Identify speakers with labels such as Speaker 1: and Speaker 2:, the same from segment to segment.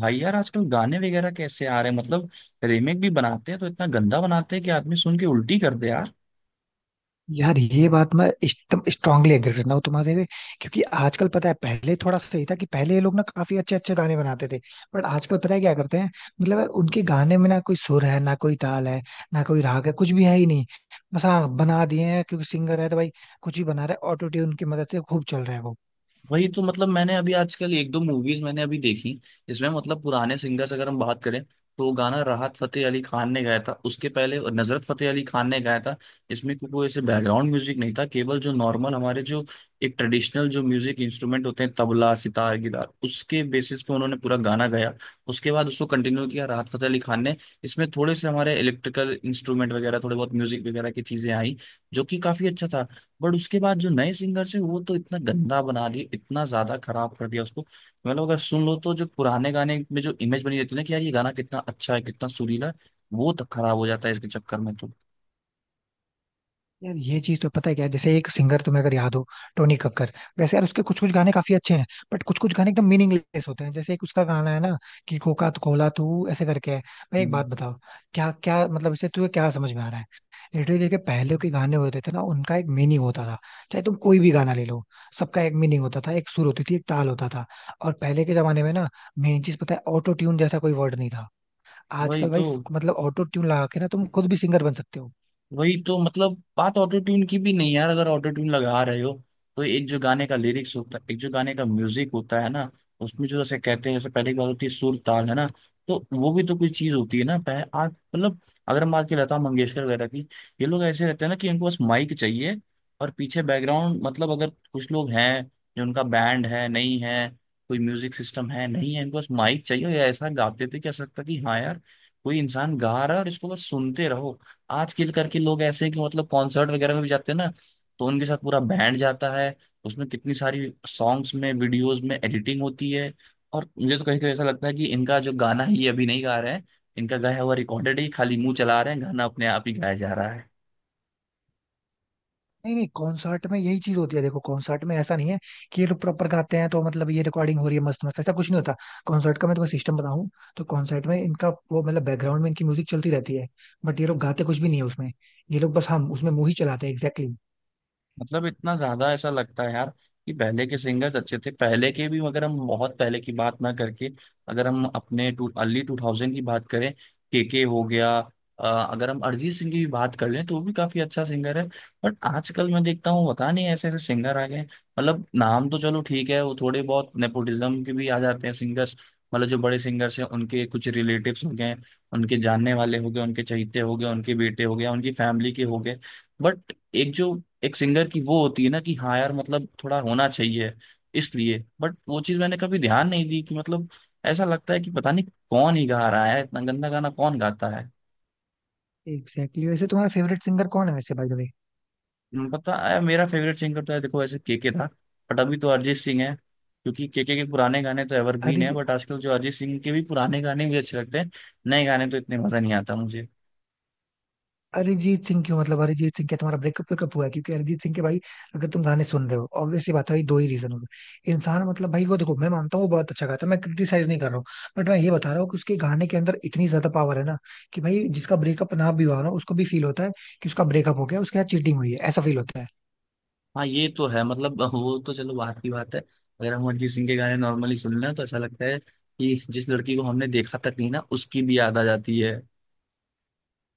Speaker 1: भाई यार, आजकल गाने वगैरह कैसे आ रहे हैं? मतलब रीमेक भी बनाते हैं तो इतना गंदा बनाते हैं कि आदमी सुन के उल्टी कर दे।
Speaker 2: यार ये बात मैं एकदम स्ट्रांगली एग्री करता हूँ तुम्हारे से। क्योंकि आजकल पता है, पहले थोड़ा सा सही था कि पहले ये लोग ना काफी अच्छे अच्छे गाने बनाते थे। बट आजकल पता है क्या करते हैं? मतलब यार, उनके गाने में ना कोई सुर है, ना कोई ताल है, ना कोई राग है, कुछ भी है ही नहीं। बस हाँ, बना दिए हैं क्योंकि सिंगर है तो भाई कुछ भी बना रहा है, ऑटो ट्यून की मदद से खूब चल रहा है वो।
Speaker 1: वही तो मतलब मैंने अभी आजकल एक दो मूवीज मैंने अभी देखी। इसमें मतलब पुराने सिंगर्स अगर हम बात करें तो गाना राहत फतेह अली खान ने गाया था, उसके पहले नजरत फतेह अली खान ने गाया था। इसमें कोई कोई ऐसे बैकग्राउंड म्यूजिक नहीं था, केवल जो नॉर्मल हमारे जो एक ट्रेडिशनल जो म्यूजिक इंस्ट्रूमेंट होते हैं तबला सितार गिटार उसके बेसिस पे उन्होंने पूरा गाना गाया। उसके बाद उसको कंटिन्यू किया राहत फतेह अली खान ने। इसमें थोड़े से हमारे इलेक्ट्रिकल इंस्ट्रूमेंट वगैरह थोड़े बहुत म्यूजिक वगैरह की चीजें आई, जो कि काफी अच्छा था। बट उसके बाद जो नए सिंगर्स हैं वो तो इतना गंदा बना दिए, इतना ज्यादा खराब कर दिया उसको। मतलब अगर सुन लो तो जो पुराने गाने में जो इमेज बनी रहती है ना कि यार ये गाना कितना अच्छा है कितना सुरीला है, वो तक खराब हो जाता है इसके चक्कर में तो।
Speaker 2: यार ये चीज तो पता है क्या है? जैसे एक सिंगर तुम्हें अगर याद हो, टोनी कक्कर। वैसे यार उसके कुछ कुछ गाने काफी अच्छे हैं, बट कुछ कुछ गाने एकदम मीनिंगलेस होते हैं। जैसे एक उसका गाना है ना कि कोका तो कोला तू ऐसे करके है। भाई एक बात
Speaker 1: हम्म।
Speaker 2: बताओ, क्या क्या मतलब इससे तुझे क्या समझ में आ रहा है? लिटरली के पहले के गाने होते थे ना, उनका एक मीनिंग होता था। चाहे तुम कोई भी गाना ले लो, सबका एक मीनिंग होता था, एक सुर होती थी, एक ताल होता था। और पहले के जमाने में ना, मेन चीज पता है, ऑटो ट्यून जैसा कोई वर्ड नहीं था।
Speaker 1: वही
Speaker 2: आजकल भाई
Speaker 1: तो
Speaker 2: मतलब ऑटो ट्यून लगा के ना तुम खुद भी सिंगर बन सकते हो।
Speaker 1: वही तो मतलब बात ऑटो ट्यून की भी नहीं यार, अगर ऑटो ट्यून लगा रहे हो तो एक जो गाने का लिरिक्स होता है एक जो गाने का म्यूजिक होता है ना, उसमें जो जैसे कहते हैं, जैसे पहले की बात होती है सुर ताल है ना, तो वो भी तो कोई चीज होती है ना आज मतलब अगर हम बात की लता मंगेशकर वगैरह की। ये लोग ऐसे रहते हैं ना कि इनको बस माइक चाहिए और पीछे बैकग्राउंड। मतलब अगर कुछ लोग हैं जो उनका बैंड है नहीं है, कोई म्यूजिक सिस्टम है नहीं है, इनको बस माइक चाहिए या ऐसा गाते थे कि ऐसा लगता कि हाँ यार कोई इंसान गा रहा है और इसको बस सुनते रहो। आजकल करके लोग ऐसे हैं कि मतलब कॉन्सर्ट वगैरह में भी जाते हैं ना तो उनके साथ पूरा बैंड जाता है, उसमें कितनी सारी सॉन्ग्स में वीडियोस में एडिटिंग होती है। और मुझे तो कहीं कहीं ऐसा लगता है कि इनका जो गाना है ये अभी नहीं गा रहे हैं, इनका गाया हुआ रिकॉर्डेड ही खाली मुंह चला रहे हैं, गाना अपने आप ही गाया जा रहा है।
Speaker 2: नहीं नहीं, कॉन्सर्ट में यही चीज होती है। देखो कॉन्सर्ट में ऐसा नहीं है कि ये लोग प्रॉपर गाते हैं, तो मतलब ये रिकॉर्डिंग हो रही है मस्त मस्त, ऐसा कुछ नहीं होता। कॉन्सर्ट का मैं तुम्हें सिस्टम बताऊं, तो कॉन्सर्ट में इनका वो मतलब बैकग्राउंड में इनकी म्यूजिक चलती रहती है, बट ये लोग गाते कुछ भी नहीं है उसमें। ये लोग बस हम उसमें मुंह ही चलाते हैं एग्जैक्टली।
Speaker 1: मतलब इतना ज्यादा ऐसा लगता है यार कि पहले के सिंगर्स अच्छे थे पहले के भी, मगर हम बहुत पहले की बात ना करके अगर हम अपने टू अर्ली 2000 की बात करें, केके हो गया। अगर हम अरिजीत सिंह की भी बात कर लें तो वो भी काफी अच्छा सिंगर है। बट आजकल मैं देखता हूँ पता नहीं ऐसे ऐसे सिंगर आ गए हैं। मतलब नाम तो चलो ठीक है वो थोड़े बहुत नेपोटिज्म के भी आ जाते हैं सिंगर्स। मतलब जो बड़े सिंगर्स हैं उनके कुछ रिलेटिव्स हो गए, उनके जानने वाले हो गए, उनके चहेते हो गए, उनके बेटे हो गए, उनकी फैमिली के हो गए। बट एक जो एक सिंगर की वो होती है ना कि हाँ यार मतलब थोड़ा होना चाहिए इसलिए। बट वो चीज मैंने कभी ध्यान नहीं दी कि मतलब ऐसा लगता है कि पता नहीं कौन ही गा रहा है, इतना गंदा गाना कौन गाता है।
Speaker 2: एग्जैक्टली, वैसे तुम्हारा फेवरेट सिंगर कौन है, वैसे बाय द
Speaker 1: पता है मेरा फेवरेट सिंगर तो है देखो, ऐसे केके था। बट अभी तो अरिजीत सिंह है क्योंकि केके के पुराने गाने तो एवरग्रीन है।
Speaker 2: वे?
Speaker 1: बट आजकल जो अरिजीत सिंह के भी पुराने गाने मुझे अच्छे लगते हैं, नए गाने तो इतने मजा नहीं आता मुझे।
Speaker 2: अरिजीत सिंह क्यों? मतलब अरिजीत सिंह, क्या तुम्हारा ब्रेकअप वेकअप हुआ है? क्योंकि अरिजीत सिंह के भाई, अगर तुम गाने सुन रहे हो, ऑब्वियस सी बात है भाई, दो ही रीजन हो गए इंसान। मतलब भाई वो देखो, मैं मानता हूँ वो बहुत अच्छा गाता है, मैं क्रिटिसाइज नहीं कर रहा हूँ। बट मैं ये बता रहा हूँ कि उसके गाने के अंदर इतनी ज्यादा पावर है ना, कि भाई जिसका ब्रेकअप ना भी हुआ ना, उसको भी फील होता है कि उसका ब्रेकअप हो गया, उसके साथ चीटिंग हुई है, ऐसा फील होता है।
Speaker 1: हाँ ये तो है, मतलब वो तो चलो बात की बात है। अगर हम अरिजीत सिंह के गाने नॉर्मली सुन लें तो ऐसा लगता है कि जिस लड़की को हमने देखा तक नहीं ना उसकी भी याद आ जाती है।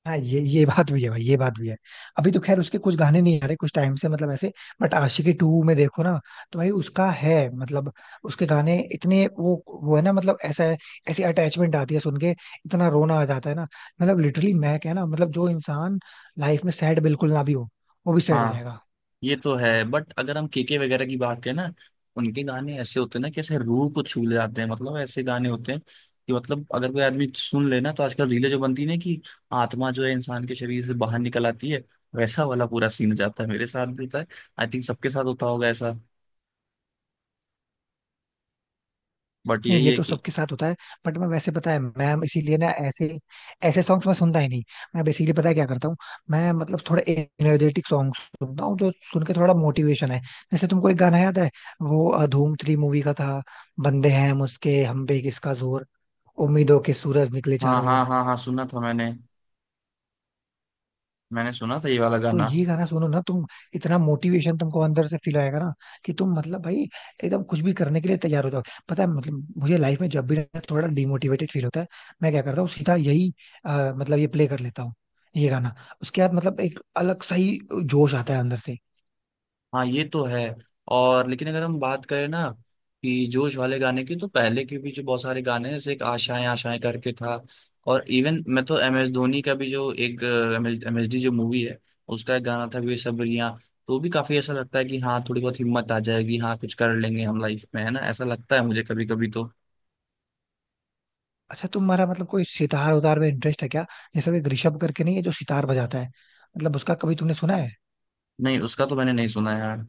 Speaker 2: हाँ ये बात भी है भाई, ये बात भी है। अभी तो खैर उसके कुछ गाने नहीं आ रहे कुछ टाइम से, मतलब ऐसे। बट आशिकी 2 में देखो ना, तो भाई उसका है मतलब, उसके गाने इतने वो है ना, मतलब ऐसा है। ऐसी अटैचमेंट आती है सुन के, इतना रोना आ जाता है ना। मतलब लिटरली मैं क्या ना, मतलब जो इंसान लाइफ में सैड बिल्कुल ना भी हो, वो भी सैड हो
Speaker 1: हाँ
Speaker 2: जाएगा।
Speaker 1: ये तो है। बट अगर हम केके वगैरह की बात करें ना, उनके गाने ऐसे होते हैं ना कि ऐसे रूह को छू ले जाते हैं। मतलब ऐसे गाने होते हैं कि मतलब अगर कोई आदमी सुन ले ना, तो आजकल रीलें जो बनती है ना कि आत्मा जो है इंसान के शरीर से बाहर निकल आती है, वैसा वाला पूरा सीन हो जाता है। मेरे साथ भी होता है, आई थिंक सबके साथ होता होगा ऐसा। बट
Speaker 2: नहीं,
Speaker 1: यही
Speaker 2: ये
Speaker 1: है
Speaker 2: तो
Speaker 1: कि
Speaker 2: सबके साथ होता है। बट मैं वैसे पता है, मैं इसीलिए ना ऐसे ऐसे सॉन्ग्स मैं सुनता ही नहीं। मैं बेसिकली पता है क्या करता हूँ, मैं मतलब थोड़ा एनर्जेटिक सॉन्ग सुनता हूँ, जो सुन के थोड़ा मोटिवेशन है। जैसे तुमको एक गाना याद है, वो धूम 3 मूवी का था। बंदे हैं मुझके हम पे किसका जोर, उम्मीदों के सूरज निकले
Speaker 1: हाँ
Speaker 2: चारों ओर।
Speaker 1: हाँ हाँ हाँ, सुना था मैंने, मैंने सुना था ये वाला
Speaker 2: तो
Speaker 1: गाना।
Speaker 2: ये गाना सुनो ना तुम, इतना मोटिवेशन तुमको अंदर से फील आएगा ना, कि तुम मतलब भाई एकदम कुछ भी करने के लिए तैयार हो जाओ। पता है मतलब, मुझे लाइफ में जब भी ना थोड़ा डिमोटिवेटेड फील होता है, मैं क्या करता हूँ? सीधा यही मतलब ये प्ले कर लेता हूँ, ये गाना। उसके बाद मतलब एक अलग सही जोश आता है अंदर से।
Speaker 1: हाँ ये तो है। और लेकिन अगर हम बात करें ना कि जोश वाले गाने की, तो पहले के भी जो बहुत सारे गाने हैं जैसे एक आशाएं आशाएं करके था। और इवन मैं तो एम एस धोनी का भी जो एक एम एस डी जो मूवी है उसका एक गाना था बेसब्रियां, तो भी काफी ऐसा लगता है कि हाँ थोड़ी बहुत हिम्मत आ जाएगी, हाँ कुछ कर लेंगे हम लाइफ में है ना, ऐसा लगता है मुझे कभी कभी तो।
Speaker 2: अच्छा तुम्हारा मतलब कोई सितार उतार में इंटरेस्ट है क्या? जैसे वो एक ऋषभ करके नहीं है जो सितार बजाता है, मतलब उसका कभी तुमने सुना है?
Speaker 1: नहीं, उसका तो मैंने नहीं सुना यार।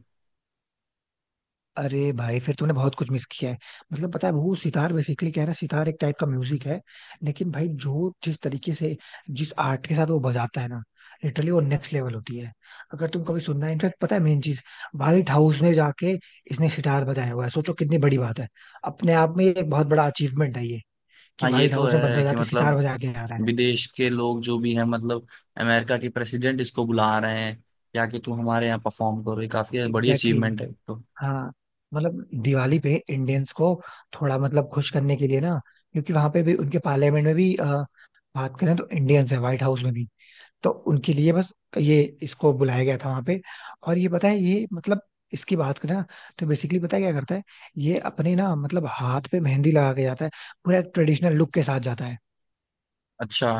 Speaker 2: अरे भाई, फिर तूने बहुत कुछ मिस किया है। मतलब पता है, वो सितार बेसिकली क्या है ना, सितार एक टाइप का म्यूजिक है। लेकिन भाई जो जिस तरीके से, जिस आर्ट के साथ वो बजाता है ना, लिटरली वो नेक्स्ट लेवल होती है। अगर तुम कभी सुनना है, इनफैक्ट पता है मेन चीज, व्हाइट हाउस में जाके इसने सितार बजाया हुआ है। सोचो कितनी बड़ी बात है, अपने आप में ये एक बहुत बड़ा अचीवमेंट है ये, कि
Speaker 1: हाँ ये
Speaker 2: व्हाइट
Speaker 1: तो
Speaker 2: हाउस में बंदा
Speaker 1: है कि
Speaker 2: जाके सितार
Speaker 1: मतलब
Speaker 2: बजा के आ रहा है।
Speaker 1: विदेश के लोग जो भी हैं मतलब अमेरिका के प्रेसिडेंट इसको बुला रहे हैं या कि तुम हमारे यहाँ परफॉर्म करो, ये काफी बड़ी
Speaker 2: एग्जैक्टली।
Speaker 1: अचीवमेंट है तो।
Speaker 2: हाँ, मतलब दिवाली पे इंडियंस को थोड़ा मतलब खुश करने के लिए ना, क्योंकि वहां पे भी उनके पार्लियामेंट में भी बात करें तो इंडियंस है, व्हाइट हाउस में भी। तो उनके लिए बस ये इसको बुलाया गया था वहां पे। और ये पता है, ये मतलब इसकी बात करें ना, तो बेसिकली पता है क्या करता है, ये अपने ना मतलब हाथ पे मेहंदी लगा के जाता है, पूरा ट्रेडिशनल लुक के साथ जाता है।
Speaker 1: अच्छा।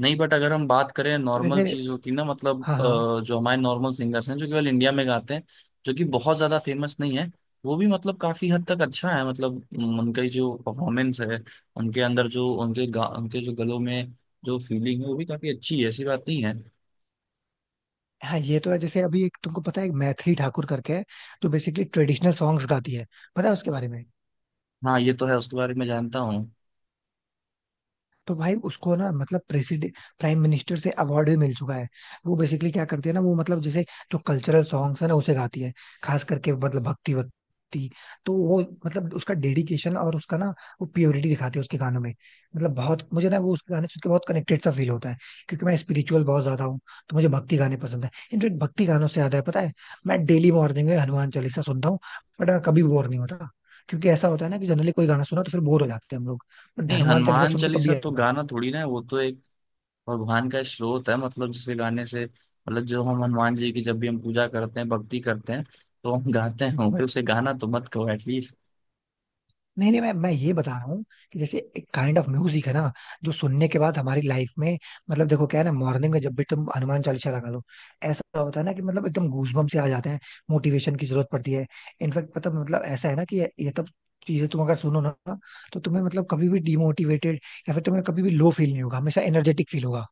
Speaker 1: नहीं, बट अगर हम बात करें
Speaker 2: तो
Speaker 1: नॉर्मल
Speaker 2: वैसे
Speaker 1: चीज़ों की ना मतलब
Speaker 2: हाँ हाँ।
Speaker 1: जो हमारे नॉर्मल सिंगर्स हैं जो केवल इंडिया में गाते हैं जो कि बहुत ज़्यादा फेमस नहीं है, वो भी मतलब काफ़ी हद तक अच्छा है। मतलब उनका ही जो परफॉर्मेंस है, उनके अंदर जो उनके गा उनके जो गलों में जो फीलिंग है वो भी काफ़ी अच्छी है, ऐसी बात नहीं है।
Speaker 2: हाँ, ये तो है। जैसे अभी एक तुमको पता है, एक मैथिली ठाकुर करके है, जो बेसिकली ट्रेडिशनल सॉन्ग्स गाती है, पता है उसके बारे में?
Speaker 1: हाँ ये तो है, उसके बारे में जानता हूँ।
Speaker 2: तो भाई उसको ना मतलब प्रेसिडेंट प्राइम मिनिस्टर से अवार्ड भी मिल चुका है। वो बेसिकली क्या करती है ना, वो मतलब जैसे जो कल्चरल सॉन्ग्स है ना, उसे गाती है। खास करके मतलब भक्ति भक्ति। तो वो मतलब उसका डेडिकेशन, और उसका ना वो प्योरिटी दिखाती है उसके गानों में। मतलब बहुत मुझे ना, वो उसके गाने सुन के बहुत कनेक्टेड सा फील होता है, क्योंकि मैं स्पिरिचुअल बहुत ज्यादा हूँ। तो मुझे भक्ति गाने पसंद है, इनफेक्ट भक्ति गानों से ज्यादा है पता है, मैं डेली मॉर्निंग में हनुमान चालीसा सुनता हूँ। बट मैं कभी बोर नहीं होता, क्योंकि ऐसा होता है ना कि जनरली कोई गाना सुना तो फिर बोर हो जाते हैं हम लोग, बट
Speaker 1: नहीं,
Speaker 2: हनुमान चालीसा
Speaker 1: हनुमान
Speaker 2: सुन के कभी
Speaker 1: चालीसा तो
Speaker 2: ऐसा
Speaker 1: गाना थोड़ी ना है, वो तो एक भगवान का स्रोत है। मतलब जिसे गाने से मतलब जो हम हनुमान जी की जब भी हम पूजा करते हैं भक्ति करते हैं तो हम गाते हैं भाई, उसे गाना तो मत कहो।
Speaker 2: नहीं। नहीं, मैं ये बता रहा हूँ कि जैसे एक काइंड ऑफ म्यूजिक है ना, जो सुनने के बाद हमारी लाइफ में मतलब, देखो क्या है ना, मॉर्निंग में जब भी तुम हनुमान चालीसा लगा लो, ऐसा होता है ना कि मतलब एकदम गूजबम्प से आ जाते हैं। मोटिवेशन की जरूरत पड़ती है। इनफैक्ट पता, मतलब ऐसा है ना कि ये तब चीजें तुम अगर सुनो ना, तो तुम्हें मतलब कभी भी डिमोटिवेटेड या फिर तुम्हें कभी भी लो फील नहीं होगा, हमेशा एनर्जेटिक फील होगा।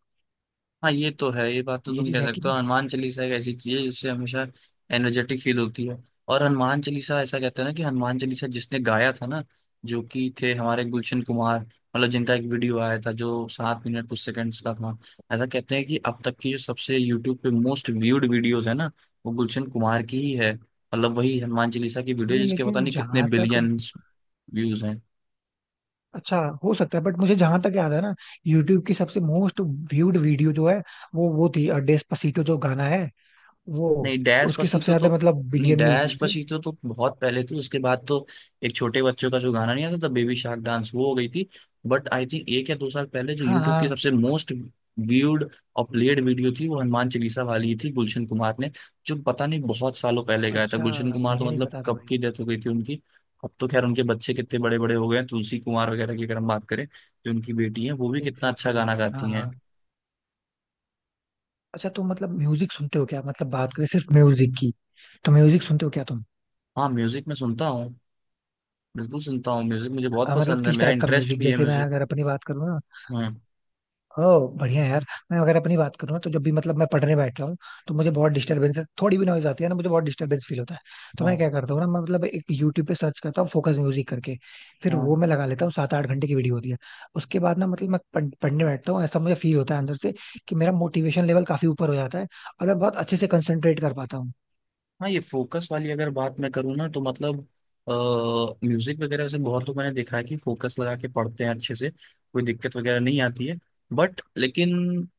Speaker 1: हाँ ये तो है, ये बात तो
Speaker 2: ये
Speaker 1: तुम
Speaker 2: चीज
Speaker 1: कह
Speaker 2: है कि
Speaker 1: सकते हो।
Speaker 2: नहीं?
Speaker 1: हनुमान चालीसा एक ऐसी चीज है जिससे हमेशा एनर्जेटिक फील होती है। और हनुमान चालीसा ऐसा कहते हैं ना कि हनुमान चालीसा जिसने गाया था ना, जो कि थे हमारे गुलशन कुमार, मतलब जिनका एक वीडियो आया था जो 7 मिनट कुछ सेकंड्स का था। ऐसा कहते हैं कि अब तक की जो सबसे यूट्यूब पे मोस्ट व्यूड वीडियोस है ना, वो गुलशन कुमार की ही है। मतलब वही हनुमान चालीसा की वीडियो
Speaker 2: नहीं
Speaker 1: जिसके पता
Speaker 2: लेकिन
Speaker 1: नहीं कितने
Speaker 2: जहां तक,
Speaker 1: बिलियन व्यूज हैं।
Speaker 2: अच्छा हो सकता है, बट मुझे जहां तक याद है ना, यूट्यूब की सबसे मोस्ट व्यूड वीडियो जो है, वो थी डेस्पासीटो जो गाना है वो,
Speaker 1: नहीं डैश
Speaker 2: उसके सबसे
Speaker 1: पसीतो
Speaker 2: ज्यादा
Speaker 1: तो
Speaker 2: मतलब
Speaker 1: नहीं,
Speaker 2: बिलियन में
Speaker 1: डैश
Speaker 2: व्यूज थे।
Speaker 1: पसीतो तो बहुत पहले थी, उसके बाद तो एक छोटे बच्चों का जो गाना नहीं आता था बेबी शार्क डांस, वो हो गई थी। बट आई थिंक एक या दो साल पहले जो
Speaker 2: हाँ
Speaker 1: यूट्यूब
Speaker 2: हाँ।
Speaker 1: की सबसे मोस्ट व्यूड और प्लेड वीडियो थी, वो हनुमान चालीसा वाली थी। गुलशन कुमार ने जो पता नहीं बहुत सालों पहले गाया था,
Speaker 2: अच्छा,
Speaker 1: गुलशन कुमार
Speaker 2: मुझे
Speaker 1: तो
Speaker 2: नहीं
Speaker 1: मतलब
Speaker 2: पता था
Speaker 1: कब
Speaker 2: भाई।
Speaker 1: की डेथ हो गई थी उनकी। अब तो खैर उनके बच्चे कितने बड़े बड़े हो गए हैं, तुलसी कुमार वगैरह की अगर हम बात करें जो उनकी बेटी है, वो भी कितना
Speaker 2: एग्जैक्टली
Speaker 1: अच्छा गाना
Speaker 2: exactly। हाँ
Speaker 1: गाती
Speaker 2: हाँ।
Speaker 1: हैं।
Speaker 2: अच्छा तुम मतलब म्यूजिक सुनते हो क्या? मतलब बात करें सिर्फ म्यूजिक की, तो म्यूजिक सुनते हो क्या तुम?
Speaker 1: हाँ म्यूजिक में सुनता हूँ, बिल्कुल सुनता हूँ म्यूजिक मुझे बहुत
Speaker 2: मतलब
Speaker 1: पसंद है,
Speaker 2: किस
Speaker 1: मेरा
Speaker 2: टाइप का
Speaker 1: इंटरेस्ट
Speaker 2: म्यूजिक?
Speaker 1: भी है
Speaker 2: जैसे मैं
Speaker 1: म्यूजिक।
Speaker 2: अगर अपनी बात करूँ।
Speaker 1: हम्म।
Speaker 2: ओ बढ़िया यार। मैं अगर अपनी बात करूँ तो जब भी मतलब मैं पढ़ने बैठता हूँ, तो मुझे बहुत डिस्टरबेंसेस, थोड़ी भी नॉइज आती है ना, मुझे बहुत डिस्टरबेंस फील होता है। तो मैं
Speaker 1: हाँ
Speaker 2: क्या करता हूँ ना, मैं मतलब एक यूट्यूब पे सर्च करता हूँ फोकस म्यूजिक करके। फिर वो
Speaker 1: हाँ
Speaker 2: मैं लगा लेता हूँ, 7 8 घंटे की वीडियो होती है। उसके बाद ना मतलब मैं पढ़ने बैठता हूँ, ऐसा मुझे फील होता है अंदर से, कि मेरा मोटिवेशन लेवल काफी ऊपर हो जाता है और मैं बहुत अच्छे से कंसेंट्रेट कर पाता हूँ।
Speaker 1: हाँ। ये फोकस वाली अगर बात मैं करूँ ना तो मतलब आ, म्यूजिक वगैरह से बहुत तो मैंने देखा है कि फोकस लगा के पढ़ते हैं अच्छे से, कोई दिक्कत वगैरह नहीं आती है। बट लेकिन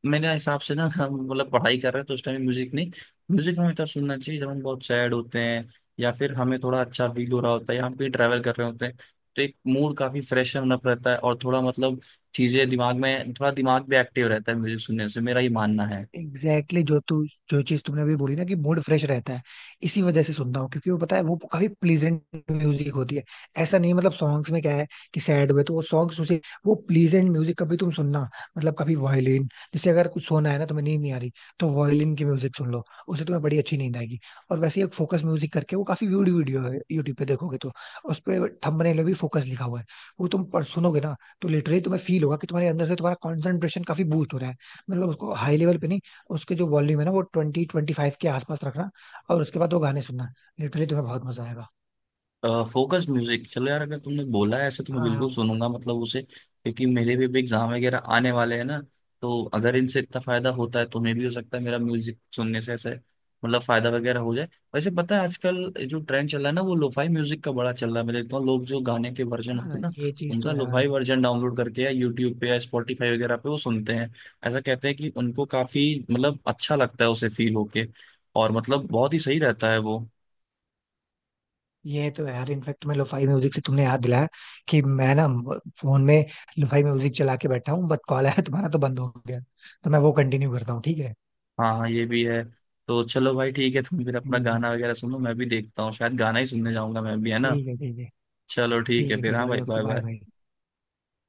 Speaker 1: मेरे हिसाब से ना, हम मतलब पढ़ाई कर रहे हैं तो उस टाइम म्यूजिक नहीं। म्यूजिक हमें तब सुनना चाहिए जब हम बहुत सैड होते हैं, या फिर हमें थोड़ा अच्छा फील हो रहा होता है या हम कहीं ट्रैवल कर रहे होते हैं, तो एक मूड काफी फ्रेश होना रहता है और थोड़ा मतलब चीजें दिमाग में, थोड़ा दिमाग भी एक्टिव रहता है म्यूजिक सुनने से, मेरा ये मानना है।
Speaker 2: Exactly exactly। जो तू, जो चीज तुमने अभी बोली ना, कि मूड फ्रेश रहता है, इसी वजह से सुनता हूँ। क्योंकि वो पता है वो काफी प्लीजेंट म्यूजिक होती है। ऐसा नहीं मतलब सॉन्ग्स में क्या है कि सैड हुए तो वो सॉन्ग्स उसे, वो प्लीजेंट म्यूजिक कभी तुम सुनना, मतलब कभी वायलिन। जैसे अगर कुछ सोना है ना तुम्हें, नींद नहीं आ रही, तो वायलिन की म्यूजिक सुन लो, उसे तुम्हें बड़ी अच्छी नींद आएगी। और वैसे ही एक फोकस म्यूजिक करके, वो काफी वीडियो वीडियो है यूट्यूब पे, देखोगे तो उस पर थंबनेल में भी फोकस लिखा हुआ है। वो तुम पर सुनोगे ना, तो लिटरली तुम्हें फील होगा कि तुम्हारे अंदर से तुम्हारा कॉन्सेंट्रेशन काफी बूस्ट हो रहा है। मतलब उसको हाई लेवल पे नहीं, उसके जो वॉल्यूम है ना, वो 20-25 के आसपास रखना, और उसके बाद वो गाने सुनना, लिटरली तुम्हें बहुत मजा आएगा।
Speaker 1: फोकस म्यूजिक चलो यार, अगर तुमने बोला है ऐसे तो मैं
Speaker 2: हाँ
Speaker 1: बिल्कुल
Speaker 2: हाँ
Speaker 1: सुनूंगा मतलब उसे, क्योंकि मेरे भी एग्जाम वगैरह आने वाले हैं ना। तो अगर इनसे इतना फायदा होता है, तुम्हें भी हो सकता है मेरा म्यूजिक सुनने से ऐसे मतलब फायदा वगैरह हो जाए। वैसे पता है आजकल जो ट्रेंड चल रहा है ना, वो लोफाई म्यूजिक का बड़ा चल रहा है। मैं देखता हूँ लोग जो गाने के वर्जन होते
Speaker 2: हाँ,
Speaker 1: हैं ना,
Speaker 2: ये चीज तो
Speaker 1: उनका
Speaker 2: है यार।
Speaker 1: लोफाई वर्जन डाउनलोड करके या यूट्यूब पे या स्पॉटिफाई वगैरह पे वो सुनते हैं। ऐसा कहते हैं कि उनको काफी मतलब अच्छा लगता है उसे फील होके, और मतलब बहुत ही सही रहता है वो।
Speaker 2: ये तो है यार, इनफेक्ट मैं, लोफाई म्यूजिक से तुमने याद दिलाया कि मैं ना फोन में लोफाई म्यूजिक चला के बैठा हूँ, बट कॉल आया तुम्हारा तो बंद हो गया, तो मैं वो कंटिन्यू करता हूँ। ठीक है।
Speaker 1: हाँ हाँ, ये भी है। तो चलो भाई ठीक है, तुम फिर अपना
Speaker 2: ठीक है
Speaker 1: गाना वगैरह सुनो, मैं भी देखता हूँ, शायद गाना ही सुनने जाऊंगा मैं भी है ना।
Speaker 2: ठीक है। ठीक है
Speaker 1: चलो ठीक
Speaker 2: ठीक
Speaker 1: है
Speaker 2: है
Speaker 1: फिर,
Speaker 2: ठीक है
Speaker 1: हाँ
Speaker 2: भाई
Speaker 1: भाई,
Speaker 2: okay
Speaker 1: bye
Speaker 2: bye bye.
Speaker 1: Bye.